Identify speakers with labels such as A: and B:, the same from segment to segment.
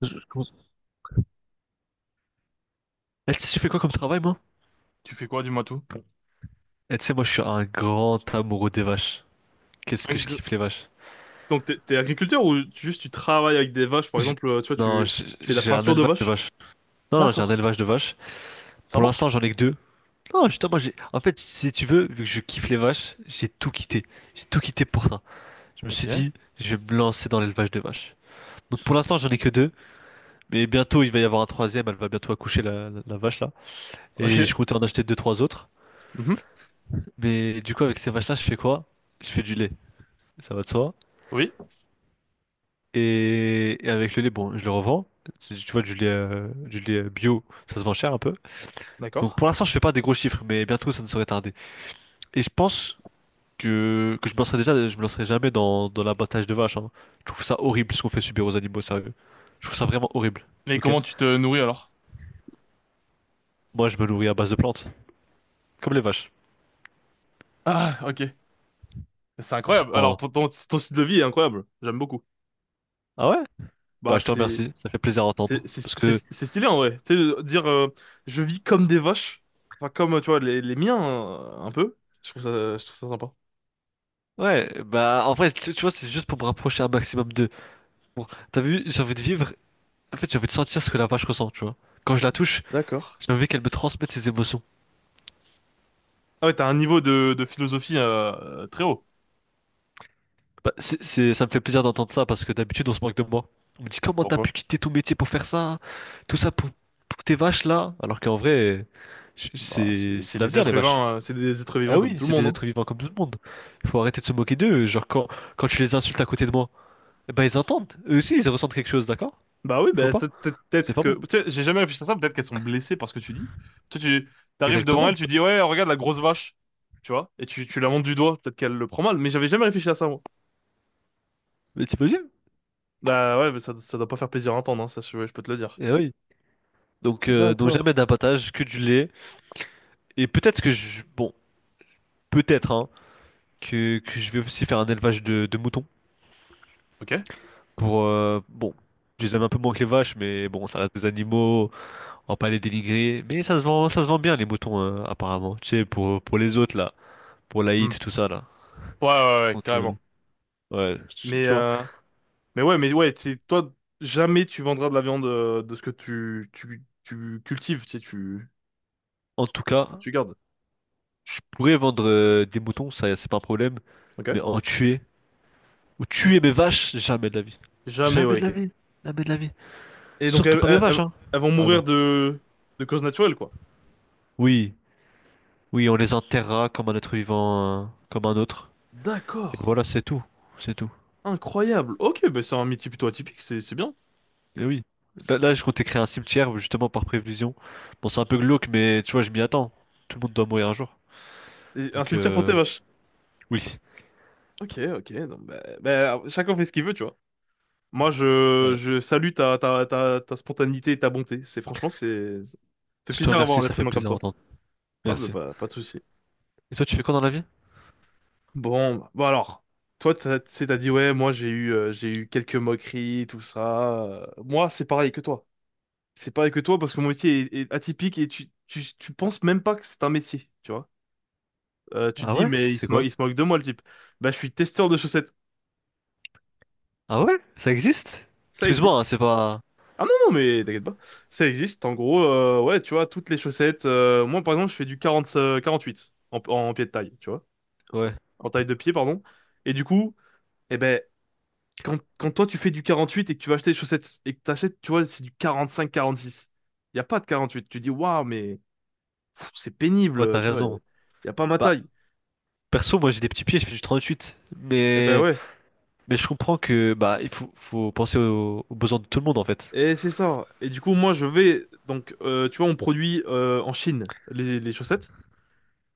A: Je- comment- Eh, tu sais, je fais quoi comme travail, moi?
B: Tu fais quoi, dis-moi tout?
A: Eh, tu sais, moi, je suis un grand amoureux des vaches. Qu'est-ce que je
B: Agri-
A: kiffe les vaches?
B: Donc, t'es agriculteur ou juste tu travailles avec des vaches, par
A: J'-
B: exemple, tu vois,
A: Non,
B: tu fais de la
A: j'ai un
B: peinture de
A: élevage de
B: vaches?
A: vaches. Non, non, j'ai un
B: D'accord.
A: élevage de vaches.
B: Ça
A: Pour
B: marche?
A: l'instant, j'en ai que deux. Non, justement, moi, j'ai. En fait, si tu veux, vu que je kiffe les vaches, j'ai tout quitté. J'ai tout quitté pour ça. Je me suis
B: Ok.
A: dit, je vais me lancer dans l'élevage de vaches. Donc, pour l'instant, j'en ai que deux. Mais bientôt, il va y avoir un troisième. Elle va bientôt accoucher, la vache, là.
B: Ok.
A: Et je comptais en acheter deux, trois autres.
B: Mhm.
A: Mais du coup, avec ces vaches-là, je fais quoi? Je fais du lait. Ça va de soi.
B: Oui.
A: Et avec le lait, bon, je le revends. Tu vois, du lait bio, ça se vend cher un peu. Donc
B: D'accord.
A: pour l'instant, je fais pas des gros chiffres, mais bientôt, ça ne saurait tarder. Et je pense que je me lancerai déjà, je me lancerai jamais dans l'abattage de vaches, hein. Je trouve ça horrible ce qu'on fait subir aux animaux, sérieux. Je trouve ça vraiment horrible,
B: Mais
A: ok?
B: comment tu te nourris alors?
A: Moi, je me nourris à base de plantes, comme les vaches.
B: Ah, ok. C'est
A: Je
B: incroyable. Alors,
A: prends.
B: pour ton style de vie est incroyable. J'aime beaucoup.
A: Ah ouais?
B: Bah,
A: Bah, je te
B: c'est,
A: remercie, ça fait plaisir à entendre.
B: c'est, c'est,
A: Parce que,
B: c'est c'est stylé en vrai. Tu sais, dire, je vis comme des vaches. Enfin, comme, tu vois, les miens, un peu. Je trouve ça sympa.
A: ouais, bah, en vrai, tu vois, c'est juste pour me rapprocher un maximum de. Bon, t'as vu, j'ai envie de vivre. En fait, j'ai envie de sentir ce que la vache ressent, tu vois. Quand je la touche,
B: D'accord.
A: j'ai envie qu'elle me transmette ses émotions.
B: Ah ouais, t'as un niveau de philosophie, très haut.
A: Bah, ça me fait plaisir d'entendre ça parce que d'habitude, on se moque de moi. On me dit comment t'as
B: Pourquoi?
A: pu quitter ton métier pour faire ça, tout ça pour tes vaches là, alors qu'en vrai,
B: Bah,
A: c'est,
B: c'est
A: c'est
B: c'est des
A: l'avenir,
B: êtres
A: les vaches.
B: humains, c'est des êtres vivants
A: Ah
B: comme
A: oui,
B: tout le
A: c'est
B: monde,
A: des
B: hein.
A: êtres vivants comme tout le monde. Il faut arrêter de se moquer d'eux. Genre, quand tu les insultes à côté de moi, eh ben ils entendent. Eux aussi, ils ressentent quelque chose, d'accord?
B: Bah oui,
A: Faut
B: bah,
A: pas. C'est
B: peut-être
A: pas
B: que.
A: bon.
B: Tu sais, j'ai jamais réfléchi à ça, peut-être qu'elles sont blessées par ce que tu dis. Toi, tu t'arrives devant elle,
A: Exactement.
B: tu dis, ouais, regarde la grosse vache, tu vois, et tu la montres du doigt, peut-être qu'elle le prend mal, mais j'avais jamais réfléchi à ça, moi.
A: Mais t'imagines?
B: Bah ouais, mais ça doit pas faire plaisir à entendre, hein, ça, je peux te le dire.
A: Eh oui. Donc
B: D'accord.
A: jamais d'abattage, que du lait. Et peut-être que Bon, peut-être hein, que je vais aussi faire un élevage de moutons
B: Ok?
A: pour bon, je les aime un peu moins que les vaches, mais bon, ça reste des animaux, on va pas les dénigrer, mais ça se vend bien les moutons apparemment, tu sais, pour les autres là, pour
B: Hmm.
A: l'Aït, tout ça là.
B: Ouais, ouais, ouais, ouais,
A: Donc
B: carrément.
A: ouais, tu
B: Mais,
A: tu vois.
B: mais ouais, c'est toi, jamais tu vendras de la viande de ce que tu cultives, tu sais,
A: En tout
B: que
A: cas,
B: tu gardes.
A: je pourrais vendre des moutons, ça c'est pas un problème, mais
B: Ok?
A: en tuer ou
B: J-
A: tuer mes vaches, jamais de la vie,
B: jamais,
A: jamais
B: ouais,
A: de la
B: ok.
A: vie, jamais de la vie,
B: Et donc
A: surtout pas mes vaches hein.
B: elles vont
A: Ah
B: mourir
A: non.
B: de causes naturelles, quoi.
A: Oui, oui, on les enterrera comme un être vivant, comme un autre. Et
B: D'accord.
A: voilà, c'est tout. C'est tout.
B: Incroyable. Ok, bah c'est un métier plutôt atypique, c'est bien.
A: Et oui. Je comptais créer un cimetière justement par prévision. Bon, c'est un peu glauque, mais tu vois, je m'y attends. Tout le monde doit mourir un jour.
B: Et un
A: Donc,
B: cimetière pour tes vaches.
A: oui.
B: Ok, ok. Non, bah, chacun fait ce qu'il veut, tu vois. Moi,
A: Euh,
B: je salue ta spontanéité et ta bonté. C'est franchement, c'est ça fait
A: je te
B: plaisir d'avoir
A: remercie,
B: un
A: ça
B: être
A: fait
B: humain comme
A: plaisir
B: toi.
A: d'entendre.
B: Ah,
A: Merci.
B: bah, pas de souci.
A: Et toi, tu fais quoi dans la vie?
B: Bon, bah, bon alors. Toi, t'sais, t'as dit, ouais, moi j'ai eu quelques moqueries, tout ça. Moi, c'est pareil que toi. C'est pareil que toi, parce que mon métier est atypique et tu penses même pas que c'est un métier, tu vois. Tu te
A: Ah
B: dis,
A: ouais?
B: mais
A: C'est quoi?
B: il se moque de moi, le type. Bah, je suis testeur de chaussettes.
A: Ah ouais? Ça existe?
B: Ça
A: Excuse-moi,
B: existe.
A: hein, c'est pas.
B: Ah non, non, mais t'inquiète pas. Ça existe, en gros, ouais, tu vois, toutes les chaussettes. Moi, par exemple, je fais du 40, 48 en pied de taille, tu vois.
A: Ouais.
B: En taille de pied, pardon. Et du coup, eh ben, quand toi, tu fais du 48 et que tu vas acheter des chaussettes et que t'achètes, tu vois, c'est du 45, 46. Il n'y a pas de 48. Tu dis, waouh, mais c'est
A: Ouais,
B: pénible,
A: t'as
B: tu vois. Il
A: raison.
B: n'y a pas ma
A: Bah,
B: taille.
A: perso, moi j'ai des petits pieds, je fais du 38.
B: Eh ben
A: Mais,
B: ouais,
A: mais je comprends que bah il faut penser aux besoins de tout le monde en fait.
B: et c'est ça. Et du coup, moi, je vais donc, tu vois, on produit en Chine les chaussettes,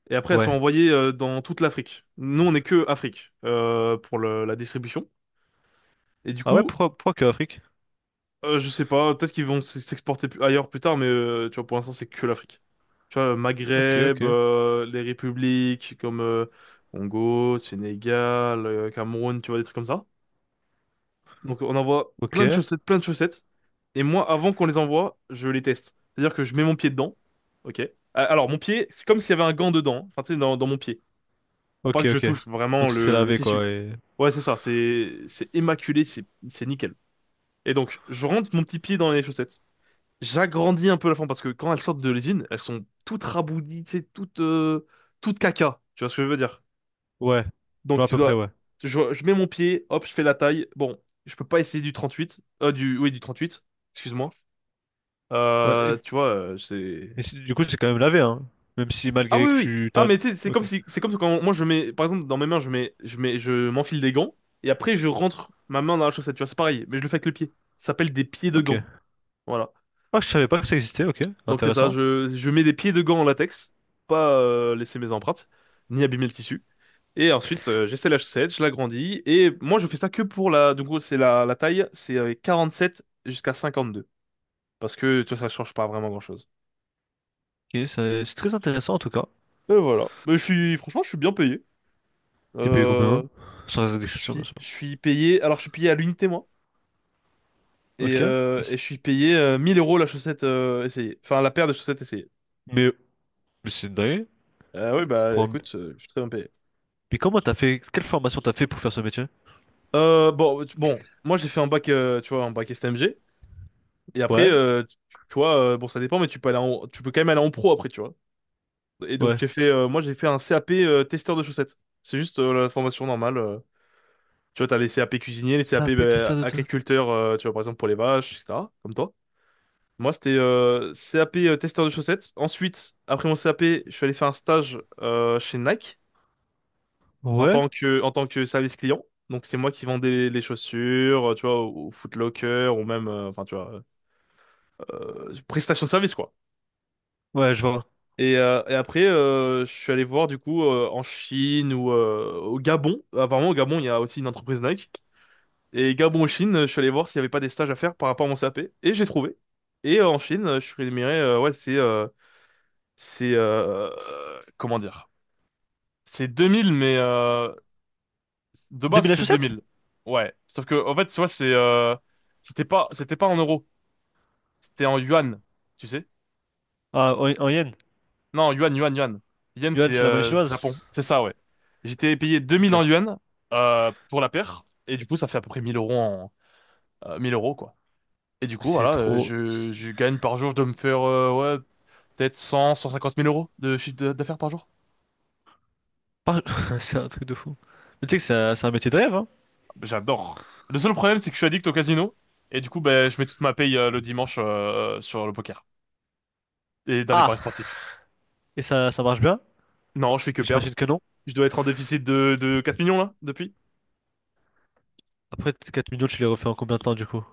B: et après, elles sont
A: Ouais.
B: envoyées dans toute l'Afrique. Nous, on est que Afrique pour la distribution. Et du
A: Ah ouais,
B: coup,
A: pourquoi que Afrique?
B: je sais pas, peut-être qu'ils vont s'exporter ailleurs plus tard, mais tu vois, pour l'instant, c'est que l'Afrique. Tu vois, le
A: Ok,
B: Maghreb,
A: ok.
B: les républiques comme Congo, Sénégal, Cameroun, tu vois, des trucs comme ça. Donc on envoie
A: Ok.
B: plein de chaussettes, plein de chaussettes. Et moi, avant qu'on les envoie, je les teste. C'est-à-dire que je mets mon pied dedans. Ok. Ah, alors mon pied, c'est comme s'il y avait un gant dedans, hein. Enfin, tu sais, dans mon pied. Pour pas
A: Ok,
B: que je
A: ok.
B: touche
A: Donc
B: vraiment
A: c'est
B: le
A: lavé
B: tissu.
A: quoi.
B: Ouais, c'est ça. C'est immaculé. C'est nickel. Et donc je rentre mon petit pied dans les chaussettes. J'agrandis un peu la forme parce que quand elles sortent de l'usine, elles sont toutes raboudies, tu sais, toutes caca. Tu vois ce que je veux dire?
A: Ouais, je
B: Donc
A: vois à
B: tu
A: peu près,
B: dois.
A: ouais.
B: Je mets mon pied, hop, je fais la taille. Bon, je peux pas essayer du 38. Du, oui, du 38. Excuse-moi.
A: Ouais. Et,
B: C'est.
A: et du coup, c'est quand même lavé, hein. Même si
B: Ah
A: malgré
B: oui,
A: que
B: oui, oui.
A: tu
B: Ah
A: t'as.
B: mais tu sais, c'est comme
A: Ok.
B: si, c'est comme quand moi je mets, par exemple, dans mes mains, je mets, je m'enfile des gants et après je rentre ma main dans la chaussette. Tu vois, c'est pareil, mais je le fais avec le pied. Ça s'appelle des pieds de
A: Ok.
B: gants. Voilà.
A: Ah, je savais pas que ça existait, ok.
B: Donc c'est ça.
A: Intéressant.
B: Je mets des pieds de gants en latex, pas laisser mes empreintes, ni abîmer le tissu. Et ensuite, j'essaie la chaussette, je l'agrandis. Et moi, je fais ça que pour la. Du coup c'est la taille, c'est 47 jusqu'à 52. Parce que, tu vois, ça change pas vraiment grand-chose.
A: Ok, c'est très intéressant en tout cas.
B: Et voilà. Mais je suis, franchement, je suis bien payé.
A: T'es payé
B: Euh,
A: combien? Sans indexation, bien sûr.
B: je suis payé. Alors, je suis payé à l'unité, moi. Et,
A: Ok.
B: euh,
A: Mais,
B: et
A: c'est
B: je suis payé 1000 € la chaussette essayée. Enfin, la paire de chaussettes essayées.
A: mais- c'est dingue.
B: Oui, bah,
A: Pour un-
B: écoute, je suis très bien payé.
A: Mais comment t'as fait. Quelle formation t'as fait pour faire ce métier?
B: Bon, bon, moi, j'ai fait un bac, tu vois, un bac STMG. Et après,
A: Ouais.
B: tu vois, bon, ça dépend, mais tu peux aller tu peux quand même aller en pro après, tu vois. Et donc
A: Ouais.
B: moi j'ai fait un CAP testeur de chaussettes. C'est juste la formation normale. Tu vois, t'as les CAP cuisiniers, les CAP
A: Tapé, testeur
B: bah,
A: de... ta-
B: agriculteurs, tu vois, par exemple pour les vaches, etc. Comme toi. Moi c'était CAP testeur de chaussettes. Ensuite, après mon CAP, je suis allé faire un stage chez Nike en
A: Ouais.
B: tant que service client. Donc c'est moi qui vendais les chaussures, tu vois, au Foot Locker ou même, enfin tu vois, prestation de service quoi.
A: Ouais, je vois.
B: Et après, je suis allé voir du coup en Chine ou au Gabon. Apparemment, au Gabon, il y a aussi une entreprise Nike. Et Gabon, ou Chine, je suis allé voir s'il n'y avait pas des stages à faire par rapport à mon CAP. Et j'ai trouvé. Et en Chine, je suis rémunéré, ouais, c'est, comment dire? C'est 2000, mais de base,
A: 2000 la
B: c'était
A: chaussette?
B: 2000. Ouais. Sauf que, en fait, tu vois, c'était pas en euros. C'était en yuan, tu sais?
A: Ah, en yen.
B: Non, yuan, yuan, yuan. Yen,
A: Yuan,
B: c'est
A: c'est la monnaie
B: Japon.
A: chinoise.
B: C'est ça, ouais. J'étais payé 2000 en
A: Ok.
B: yuan pour la paire. Et du coup, ça fait à peu près 1000 € 1000 euros, quoi. Et du coup,
A: C'est
B: voilà,
A: trop.
B: je gagne par jour, je dois me faire, ouais, peut-être 100, 150 000 euros de chiffre d'affaires par jour.
A: Par- C'est un truc de fou. Mais tu sais que c'est un métier de rêve, hein?
B: J'adore. Le seul problème, c'est que je suis addict au casino. Et du coup, ben, je mets toute ma paye le dimanche sur le poker. Et dans les paris
A: Ah,
B: sportifs.
A: et ça marche bien?
B: Non, je fais que perdre.
A: J'imagine que non.
B: Je dois être en déficit de 4 millions, là, depuis.
A: Après, 4 millions, tu les refais en combien de temps, du coup?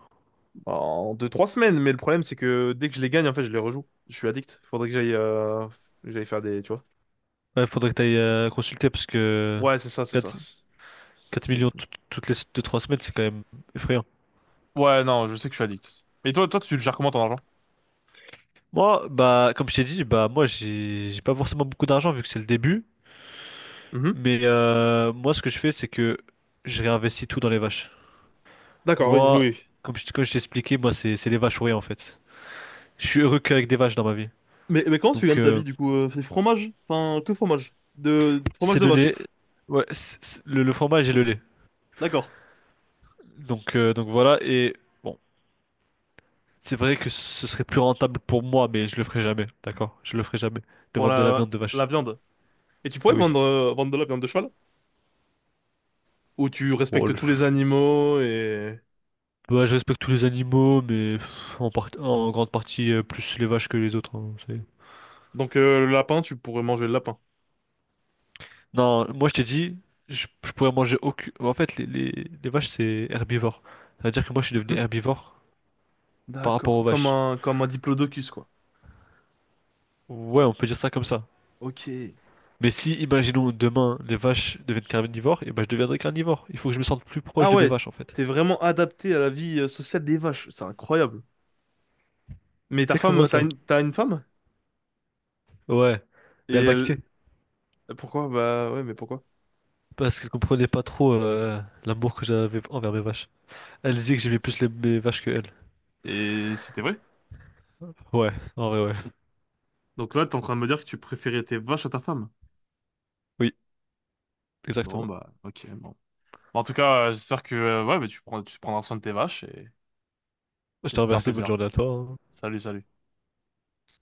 B: En 2, 3 semaines, mais le problème c'est que dès que je les gagne, en fait, je les rejoue. Je suis addict. Faudrait que j'aille faire des, tu vois.
A: Ouais, faudrait que t'ailles consulter, parce que
B: Ouais, c'est ça, c'est ça.
A: 4 4
B: C'est
A: millions toutes les deux trois semaines, c'est quand même effrayant.
B: Ouais, non, je sais que je suis addict. Et toi, tu le gères comment ton argent?
A: Moi, bah, comme je t'ai dit, bah, moi, j'ai pas forcément beaucoup d'argent, vu que c'est le début.
B: Mhm.
A: Mais moi, ce que je fais, c'est que je réinvestis tout dans les vaches.
B: D'accord, oui, oui,
A: Moi,
B: oui.
A: comme je t'ai expliqué, moi, c'est les vaches ou rien, en fait. Je suis heureux qu'avec des vaches dans ma vie.
B: Mais comment tu
A: Donc,
B: gagnes ta vie du coup? C'est fromage? Enfin, que fromage? De fromage
A: c'est
B: de
A: le
B: vache.
A: lait. Ouais, le fromage et le lait.
B: D'accord.
A: Donc voilà. Et bon, c'est vrai que ce serait plus rentable pour moi, mais je le ferai jamais. D'accord? Je le ferai jamais. De
B: Pour
A: vendre de la viande de
B: la
A: vache.
B: viande. Et tu
A: Eh
B: pourrais
A: oui.
B: vendre de la viande de cheval? Où tu
A: Bon,
B: respectes tous les animaux et
A: bah, je respecte tous les animaux, mais en grande partie plus les vaches que les autres, hein.
B: donc le lapin, tu pourrais manger le lapin.
A: Non, moi je t'ai dit, je pourrais manger aucune. En fait, les vaches c'est herbivore. Ça veut dire que moi je suis devenu
B: Mhm.
A: herbivore par rapport
B: D'accord.
A: aux
B: Comme
A: vaches.
B: un diplodocus quoi.
A: Ouais, on peut dire ça comme ça.
B: Ok.
A: Mais si, imaginons, demain, les vaches deviennent carnivores, et ben je deviendrai carnivore. Il faut que je me sente plus proche
B: Ah
A: de mes
B: ouais,
A: vaches, en fait.
B: t'es vraiment adapté à la vie sociale des vaches, c'est incroyable. Mais ta
A: Exactement
B: femme,
A: ça.
B: t'as une femme?
A: Ouais. Mais
B: Et
A: elle m'a
B: elle.
A: quitté.
B: Pourquoi? Bah ouais, mais pourquoi?
A: Parce qu'elle comprenait pas trop l'amour que j'avais envers mes vaches. Elle disait que j'aimais plus mes vaches que elle.
B: Et c'était vrai?
A: Ouais, en vrai, ouais.
B: Donc là, t'es en train de me dire que tu préférais tes vaches à ta femme.
A: Oui,
B: Bon
A: exactement.
B: bah, ok, bon. Bon, en tout cas, j'espère que ouais, mais tu prendras soin de tes vaches
A: Je
B: et
A: te
B: c'était un
A: remercie, bonne
B: plaisir.
A: journée à toi, hein.
B: Salut, salut.